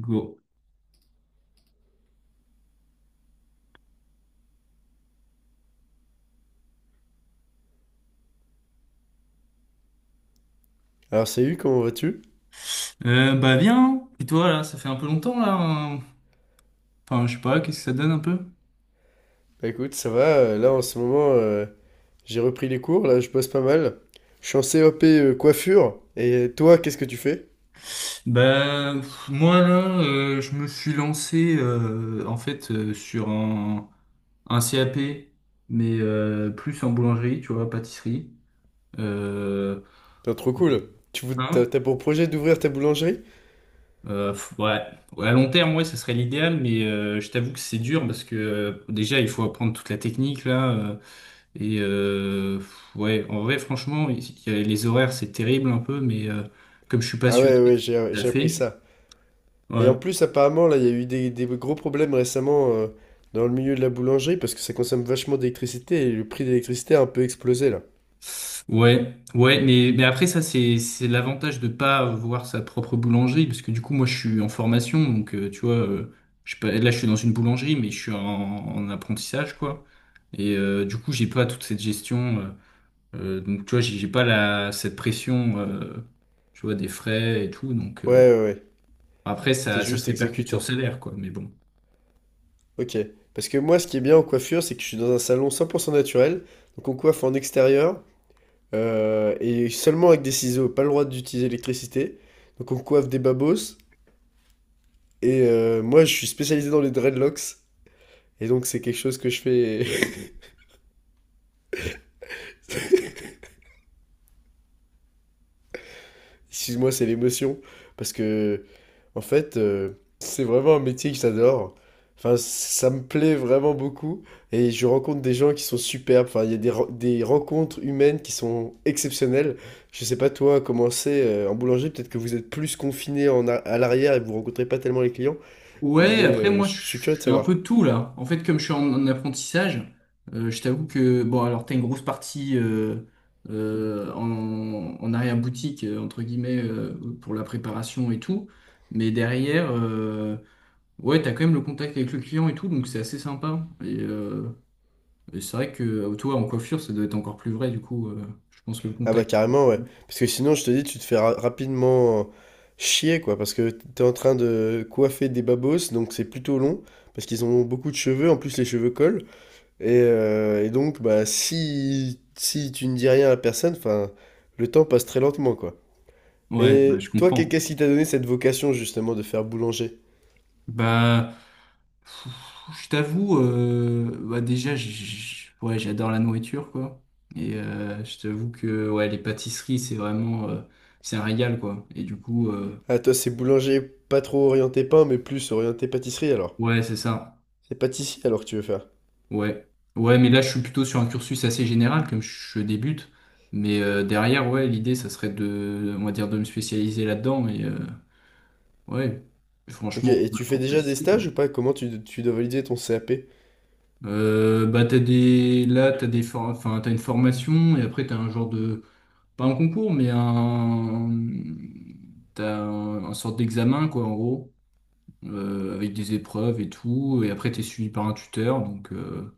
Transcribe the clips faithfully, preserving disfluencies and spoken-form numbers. Go. Alors salut, comment vas-tu? Euh, bah viens, et toi là, ça fait un peu longtemps là, hein. Enfin, je sais pas, qu'est-ce que ça donne un peu? Bah, écoute, ça va, euh, là en ce moment euh, j'ai repris les cours, là je bosse pas mal. Je suis en CAP euh, coiffure, et toi qu'est-ce que tu fais? Bah pff, moi là, euh, je me suis lancé euh, en fait euh, sur un, un C A P, mais euh, plus en boulangerie, tu vois, pâtisserie. Euh, T'es trop cool. Tu vou- hein? t'as, t'as pour projet d'ouvrir ta boulangerie? Euh, pff, ouais. Ouais, à long terme, ouais, ça serait l'idéal, mais euh, je t'avoue que c'est dur parce que euh, déjà il faut apprendre toute la technique là. euh, Et euh, ouais, en vrai, franchement, il y a- les horaires, c'est terrible un peu, mais euh, comme je suis Ah passionné, ouais, ouais, j'ai, ça le j'ai appris fait. ça. Et en Ouais, plus apparemment là il y a eu des, des gros problèmes récemment, euh, dans le milieu de la boulangerie parce que ça consomme vachement d'électricité et le prix de l'électricité a un peu explosé là. ouais, ouais, mais, mais après, ça, c'est, c'est l'avantage de pas voir sa propre boulangerie, parce que du coup, moi, je suis en formation, donc euh, tu vois, euh, je, suis pas- là, je suis dans une boulangerie, mais je suis en, en apprentissage, quoi. Et euh, du coup, j'ai pas toute cette gestion, euh, euh, donc tu vois, j'ai j'ai pas la, cette pression, euh, tu vois, des frais et tout, donc euh, Ouais, ouais, ouais, après, t'es ça, ça se juste répercute sur le exécutant. salaire, quoi, mais bon. Ok. Parce que moi ce qui est bien en coiffure c'est que je suis dans un salon cent pour cent naturel, donc on coiffe en extérieur. Euh, et seulement avec des ciseaux, pas le droit d'utiliser l'électricité. Donc on coiffe des babos. Et euh, moi, je suis spécialisé dans les dreadlocks. Et donc c'est quelque chose que je fais. Excuse-moi, c'est l'émotion. Parce que, en fait, euh, c'est vraiment un métier que j'adore. Enfin, ça me plaît vraiment beaucoup. Et je rencontre des gens qui sont superbes. Enfin, il y a des, re- des rencontres humaines qui sont exceptionnelles. Je sais pas, toi, comment c'est euh, en boulanger. Peut-être que vous êtes plus confiné en a- à l'arrière et vous rencontrez pas tellement les clients. Mais Ouais, après euh, je moi je je suis curieux de suis un savoir. peu tout là. En fait, comme je suis en, en apprentissage, euh, je t'avoue que bon alors t'as une grosse partie euh, euh, en, en arrière-boutique euh, entre guillemets euh, pour la préparation et tout, mais derrière euh, ouais t'as quand même le contact avec le client et tout, donc c'est assez sympa. Et, euh, et c'est vrai que euh, toi en coiffure ça doit être encore plus vrai du coup. Euh, je pense que le Ah bah contact. carrément, ouais. Parce que sinon, je te dis, tu te fais ra- rapidement chier, quoi. Parce que t'es en train de coiffer des babos, donc c'est plutôt long. Parce qu'ils ont beaucoup de cheveux, en plus les cheveux collent. Et, euh, et donc, bah si, si tu ne dis rien à la personne, enfin, le temps passe très lentement, quoi. Ouais, bah, Mais je toi, qu'est- comprends. qu'est-ce qui t'a donné cette vocation, justement, de faire boulanger? Bah je t'avoue, euh, bah déjà, j- j- ouais, j'adore la nourriture, quoi. Et euh, je t'avoue que ouais, les pâtisseries, c'est vraiment, euh, c'est un régal, quoi. Et du coup, euh, Ah, toi, c'est boulanger pas trop orienté pain, mais plus orienté pâtisserie, alors. ouais, c'est ça. C'est pâtissier, alors que tu veux faire. Ouais, ouais, mais là, je suis plutôt sur un cursus assez général, comme je débute. Mais euh, derrière, ouais, l'idée, ça serait de, on va dire, de me spécialiser là-dedans. Et euh, ouais, Ok, franchement, et ma tu fais propre déjà des pâtisserie, stages quoi. ou pas? Comment tu, tu dois valider ton CAP? Euh, bah t'as des là t'as des for- enfin t'as une formation et après t'as un genre de pas un concours, mais un, t'as un, un sorte d'examen, quoi, en gros, euh, avec des épreuves et tout. Et après, t'es suivi par un tuteur, donc euh,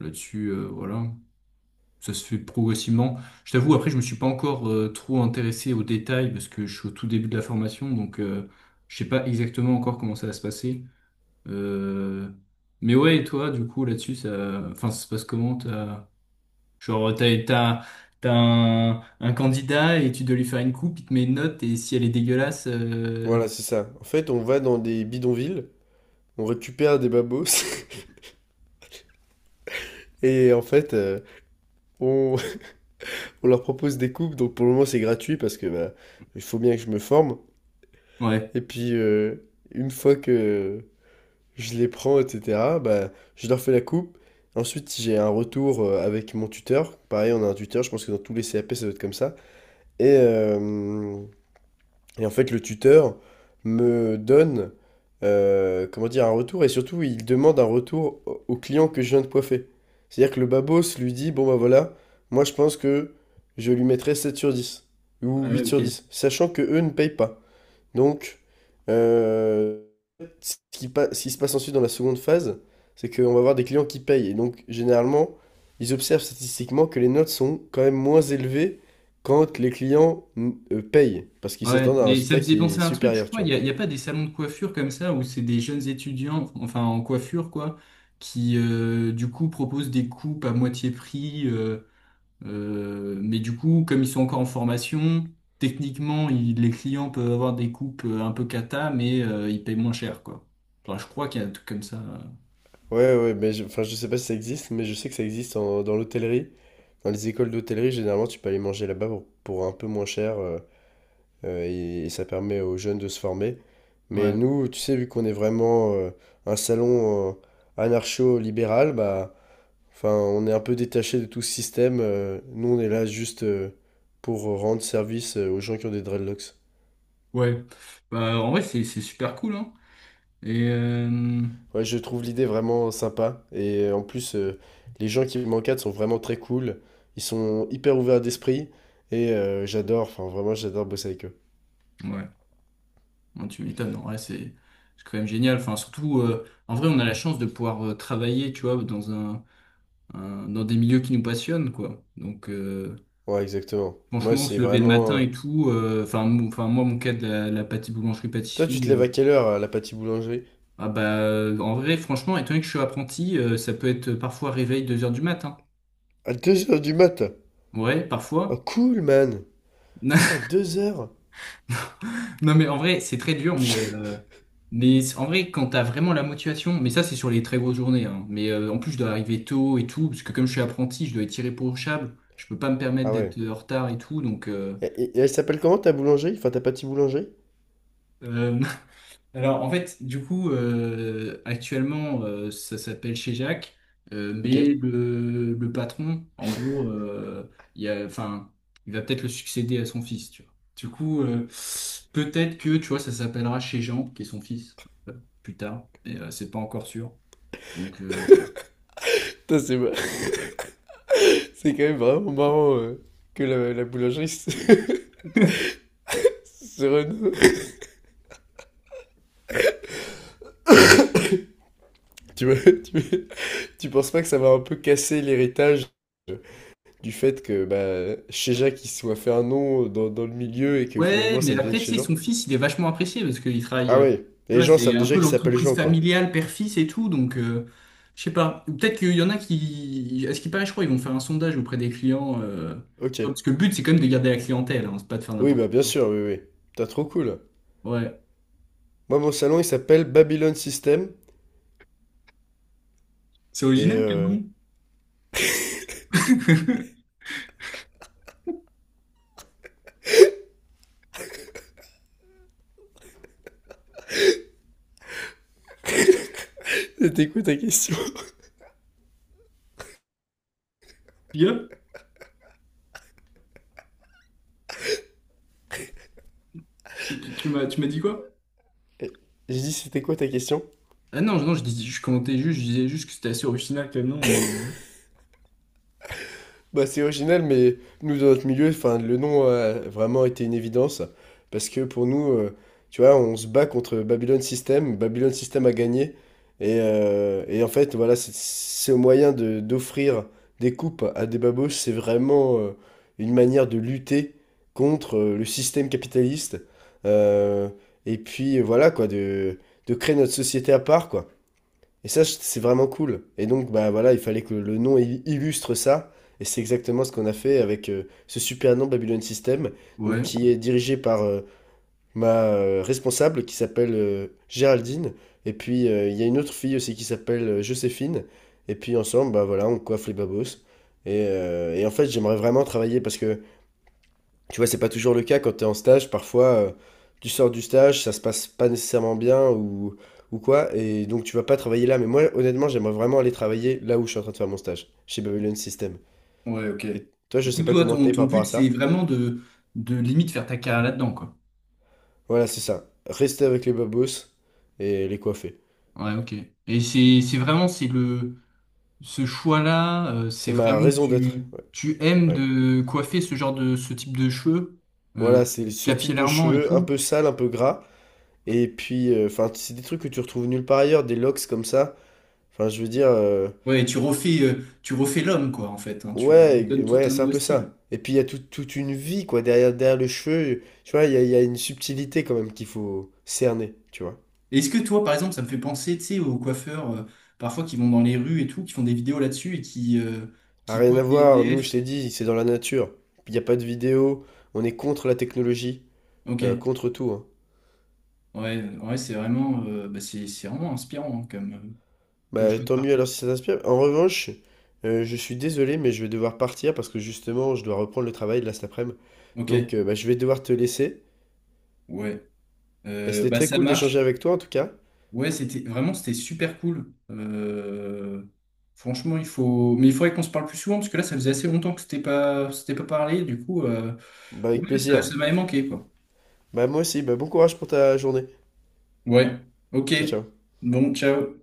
là-dessus, euh, voilà. Ça se fait progressivement. Je t'avoue, après, je me suis pas encore euh, trop intéressé aux détails parce que je suis au tout début de la formation, donc euh, je sais pas exactement encore comment ça va se passer. Euh, Mais ouais, et toi, du coup, là-dessus, ça, enfin, ça se passe comment? Genre, t'as, t'as, t'as un, un candidat et tu dois lui faire une coupe, il te met une note et si elle est dégueulasse, euh, Voilà, c'est ça. En fait, on va dans des bidonvilles, on récupère des babos, et en fait, euh, on, on leur propose des coupes. Donc pour le moment, c'est gratuit parce que bah, il faut bien que je me forme. ouais. Et puis, euh, une fois que je les prends, et cetera, bah, je leur fais la coupe. Ensuite, j'ai un retour euh, avec mon tuteur. Pareil, on a un tuteur, je pense que dans tous les CAP, ça doit être comme ça. Et, euh, Et en fait, le tuteur me donne, euh, comment dire, un retour et surtout, il demande un retour au au client que je viens de coiffer. C'est-à-dire que le babos lui dit, bon bah voilà, moi je pense que je lui mettrais sept sur dix ou Ouais, ouais, huit sur ok. dix, sachant que eux ne payent pas. Donc, euh, ce qui, pa- ce qui se passe ensuite dans la seconde phase, c'est qu'on va avoir des clients qui payent. Et donc, généralement, ils observent statistiquement que les notes sont quand même moins élevées quand les clients mm, euh, payent, parce qu'ils Ouais, s'attendent à un mais ça résultat me faisait qui est penser à un truc, je supérieur, crois. tu Il vois. y a, il y a pas des salons de coiffure comme ça où c'est des jeunes étudiants, enfin en coiffure quoi, qui euh, du coup proposent des coupes à moitié prix. euh, euh, mais du coup, comme ils sont encore en formation, techniquement, ils- les clients peuvent avoir des coupes euh, un peu cata, mais euh, ils payent moins cher quoi. Enfin, je crois qu'il y a un truc comme ça. euh. Ouais, ouais, mais je, enfin, je sais pas si ça existe, mais je sais que ça existe en- dans l'hôtellerie. Dans les écoles d'hôtellerie, généralement, tu peux aller manger là-bas pour, pour un peu moins cher. euh, euh, et, et ça permet aux jeunes de se former. Mais Ouais. nous, tu sais, vu qu'on est vraiment euh, un salon euh, anarcho-libéral, bah, enfin, on est un peu détaché de tout ce système. euh, nous, on est là juste euh, pour rendre service euh, aux gens qui ont des dreadlocks. Ouais, bah, en vrai, c'est c'est super cool, hein. Et euh, Ouais, je trouve l'idée vraiment sympa. Et euh, en plus, euh, les gens qui m'encadrent sont vraiment très cool. Ils sont hyper ouverts d'esprit. Et euh, j'adore, enfin, vraiment, j'adore bosser avec eux. ouais, non, tu m'étonnes, en vrai, c'est c'est quand même génial. Enfin, surtout, euh, en vrai, on a la chance de pouvoir euh, travailler, tu vois, dans un, un- dans des milieux qui nous passionnent, quoi. Donc, euh, Ouais, exactement. Moi, franchement, c'est se lever le vraiment... matin euh, et tout, euh, enfin, mou- enfin, moi, mon cas de la, la pâti- Toi, tu boulangerie-pâtisserie, te lèves euh, à quelle heure à la pâtisserie boulangerie? ah bah, euh, en vrai, franchement, étant donné que je suis apprenti, euh, ça peut être parfois réveil deux heures du matin. À deux heures du mat? Ouais, Oh parfois. cool man! Putain, deux heures. Non, mais en vrai, c'est très dur, mais, euh, mais c- en vrai, quand t'as vraiment la motivation, mais ça, c'est sur les très grosses journées, hein. Mais euh, en plus, je dois arriver tôt et tout, parce que comme je suis apprenti, je dois être irréprochable, je peux pas me permettre Ah d'être ouais. euh, en retard et tout, donc euh, Et, et- et elle s'appelle comment ta boulangerie? Enfin ta pâtisserie boulangerie? euh, alors, en fait, du coup, euh, actuellement, euh, ça s'appelle chez Jacques, euh, Ok. mais le, le patron, en gros, euh, il y a, enfin, il va peut-être le succéder à son fils, tu vois. Du coup, euh, peut-être que, tu vois, ça s'appellera chez Jean, qui est son fils, euh, plus tard, mais euh, c'est pas encore sûr. Donc, euh, Putain, c'est mar- c'est quand même vraiment marrant, euh, que la, la boulangerie se, voilà. se renomme. Tu vois, tu, tu penses pas que ça va un peu casser l'héritage, euh, du fait que bah, chez Chéja qui soit fait un nom dans, dans le milieu et que Ouais, finalement ça mais devienne après, tu chez sais, Jean? son fils, il est vachement apprécié parce qu'il travaille, Ah euh, ouais, tu les vois, gens c'est savent un déjà peu qu'il s'appelle l'entreprise Jean quoi. familiale père-fils et tout, donc euh, je sais pas. Peut-être qu'il y en a qui, à ce qui paraît, je crois, ils vont faire un sondage auprès des clients, euh, tu Ok. vois, parce que le but, c'est quand même de garder la clientèle, hein, c'est pas de faire Oui n'importe bah bien sûr, oui, oui. T'as trop cool. quoi. Ouais. Moi, mon salon, il s'appelle Babylon System. C'est Et original, quand euh, même. c'était quoi ta question? Bien. Tu, tu- tu m'as, tu m'as dit quoi? j'ai dit, c'était quoi ta question? Ah non, non, je dis, je commentais juste, je disais juste que c'était assez original, quand même, non, mais... euh, Bah, c'est original, mais nous, dans notre milieu, enfin, le nom a vraiment été une évidence. Parce que pour nous, euh, tu vois, on se bat contre Babylon System. Babylon System a gagné. Et, euh, et en fait, voilà, c'est c'est au moyen de, d'offrir des coupes à des babouches. C'est vraiment euh, une manière de lutter contre, euh, le système capitaliste. Euh, et puis, voilà, quoi, de, de créer notre société à part, quoi. Et ça, je- c'est vraiment cool. Et donc, bah voilà, il fallait que le nom il- illustre ça. Et c'est exactement ce qu'on a fait avec, euh, ce super nom Babylon System, donc ouais. qui est dirigé par euh, ma euh, responsable qui s'appelle, euh, Géraldine. Et puis, euh, il y a une autre fille aussi qui s'appelle, euh, Joséphine. Et puis, ensemble, bah voilà, on coiffe les babos. Et, euh, et en fait, j'aimerais vraiment travailler parce que tu vois, c'est pas toujours le cas quand tu es en stage. Parfois, euh, tu sors du stage, ça se passe pas nécessairement bien ou, ou quoi, et donc tu vas pas travailler là. Mais moi, honnêtement, j'aimerais vraiment aller travailler là où je suis en train de faire mon stage, chez Babylon System. Ouais, ok. Et toi, je Du coup, sais pas toi, comment ton, t'es ton par rapport but, à c'est ça. vraiment de, de limite faire ta carrière là-dedans, quoi. Voilà, c'est ça. Rester avec les babos et les coiffer. Ouais, ok. Et c'est c'est vraiment c'est le ce choix-là, euh, c'est C'est ma vraiment que raison d'être. tu Ouais. tu aimes Ouais. de coiffer ce genre de ce type de cheveux euh, Voilà, c'est ce type de capillairement et cheveux, un tout. peu sale, un peu gras. Et puis, euh, enfin, c'est des trucs que tu retrouves nulle part ailleurs, des locks comme ça. Enfin, je veux dire. euh, Ouais, et tu refais euh, tu refais l'homme quoi en fait, hein. Tu lui Ouais, donnes tout ouais, un c'est un nouveau peu style. ça. Et puis il y a tout- toute une vie, quoi, derrière, derrière le cheveu. Tu vois, il y a, il y a une subtilité quand même qu'il faut cerner, tu vois. Et est-ce que toi par exemple ça me fait penser tu sais aux coiffeurs euh, parfois qui vont dans les rues et tout, qui font des vidéos là-dessus et qui euh, A qui rien à coiffent des voir, nous, je S D F. t'ai dit, c'est dans la nature. Il n'y a pas de vidéo, on est contre la technologie, euh, Ok. contre tout, hein. Ouais, ouais, c'est vraiment euh, bah, c'est c'est vraiment inspirant hein, comme euh, comme Bah choix de tant mieux alors parcours. si ça t'inspire. En revanche, euh, je suis désolé, mais je vais devoir partir parce que justement, je dois reprendre le travail de là cet après-midi. Ok. Donc euh, bah, je vais devoir te laisser. Ouais. Bah, Euh, c'était bah très ça cool d'échanger marche. avec toi en tout cas. Ouais, c'était vraiment c'était super cool. Euh, franchement, il faut, mais il faudrait qu'on se parle plus souvent parce que là, ça faisait assez longtemps que c'était pas, c'était pas parlé. Du coup, euh, Bah avec ouais, ça, plaisir. ça m'avait manqué quoi. Bah moi aussi, bah bon courage pour ta journée. Ouais. Ok. Ciao, ciao. Bon, ciao.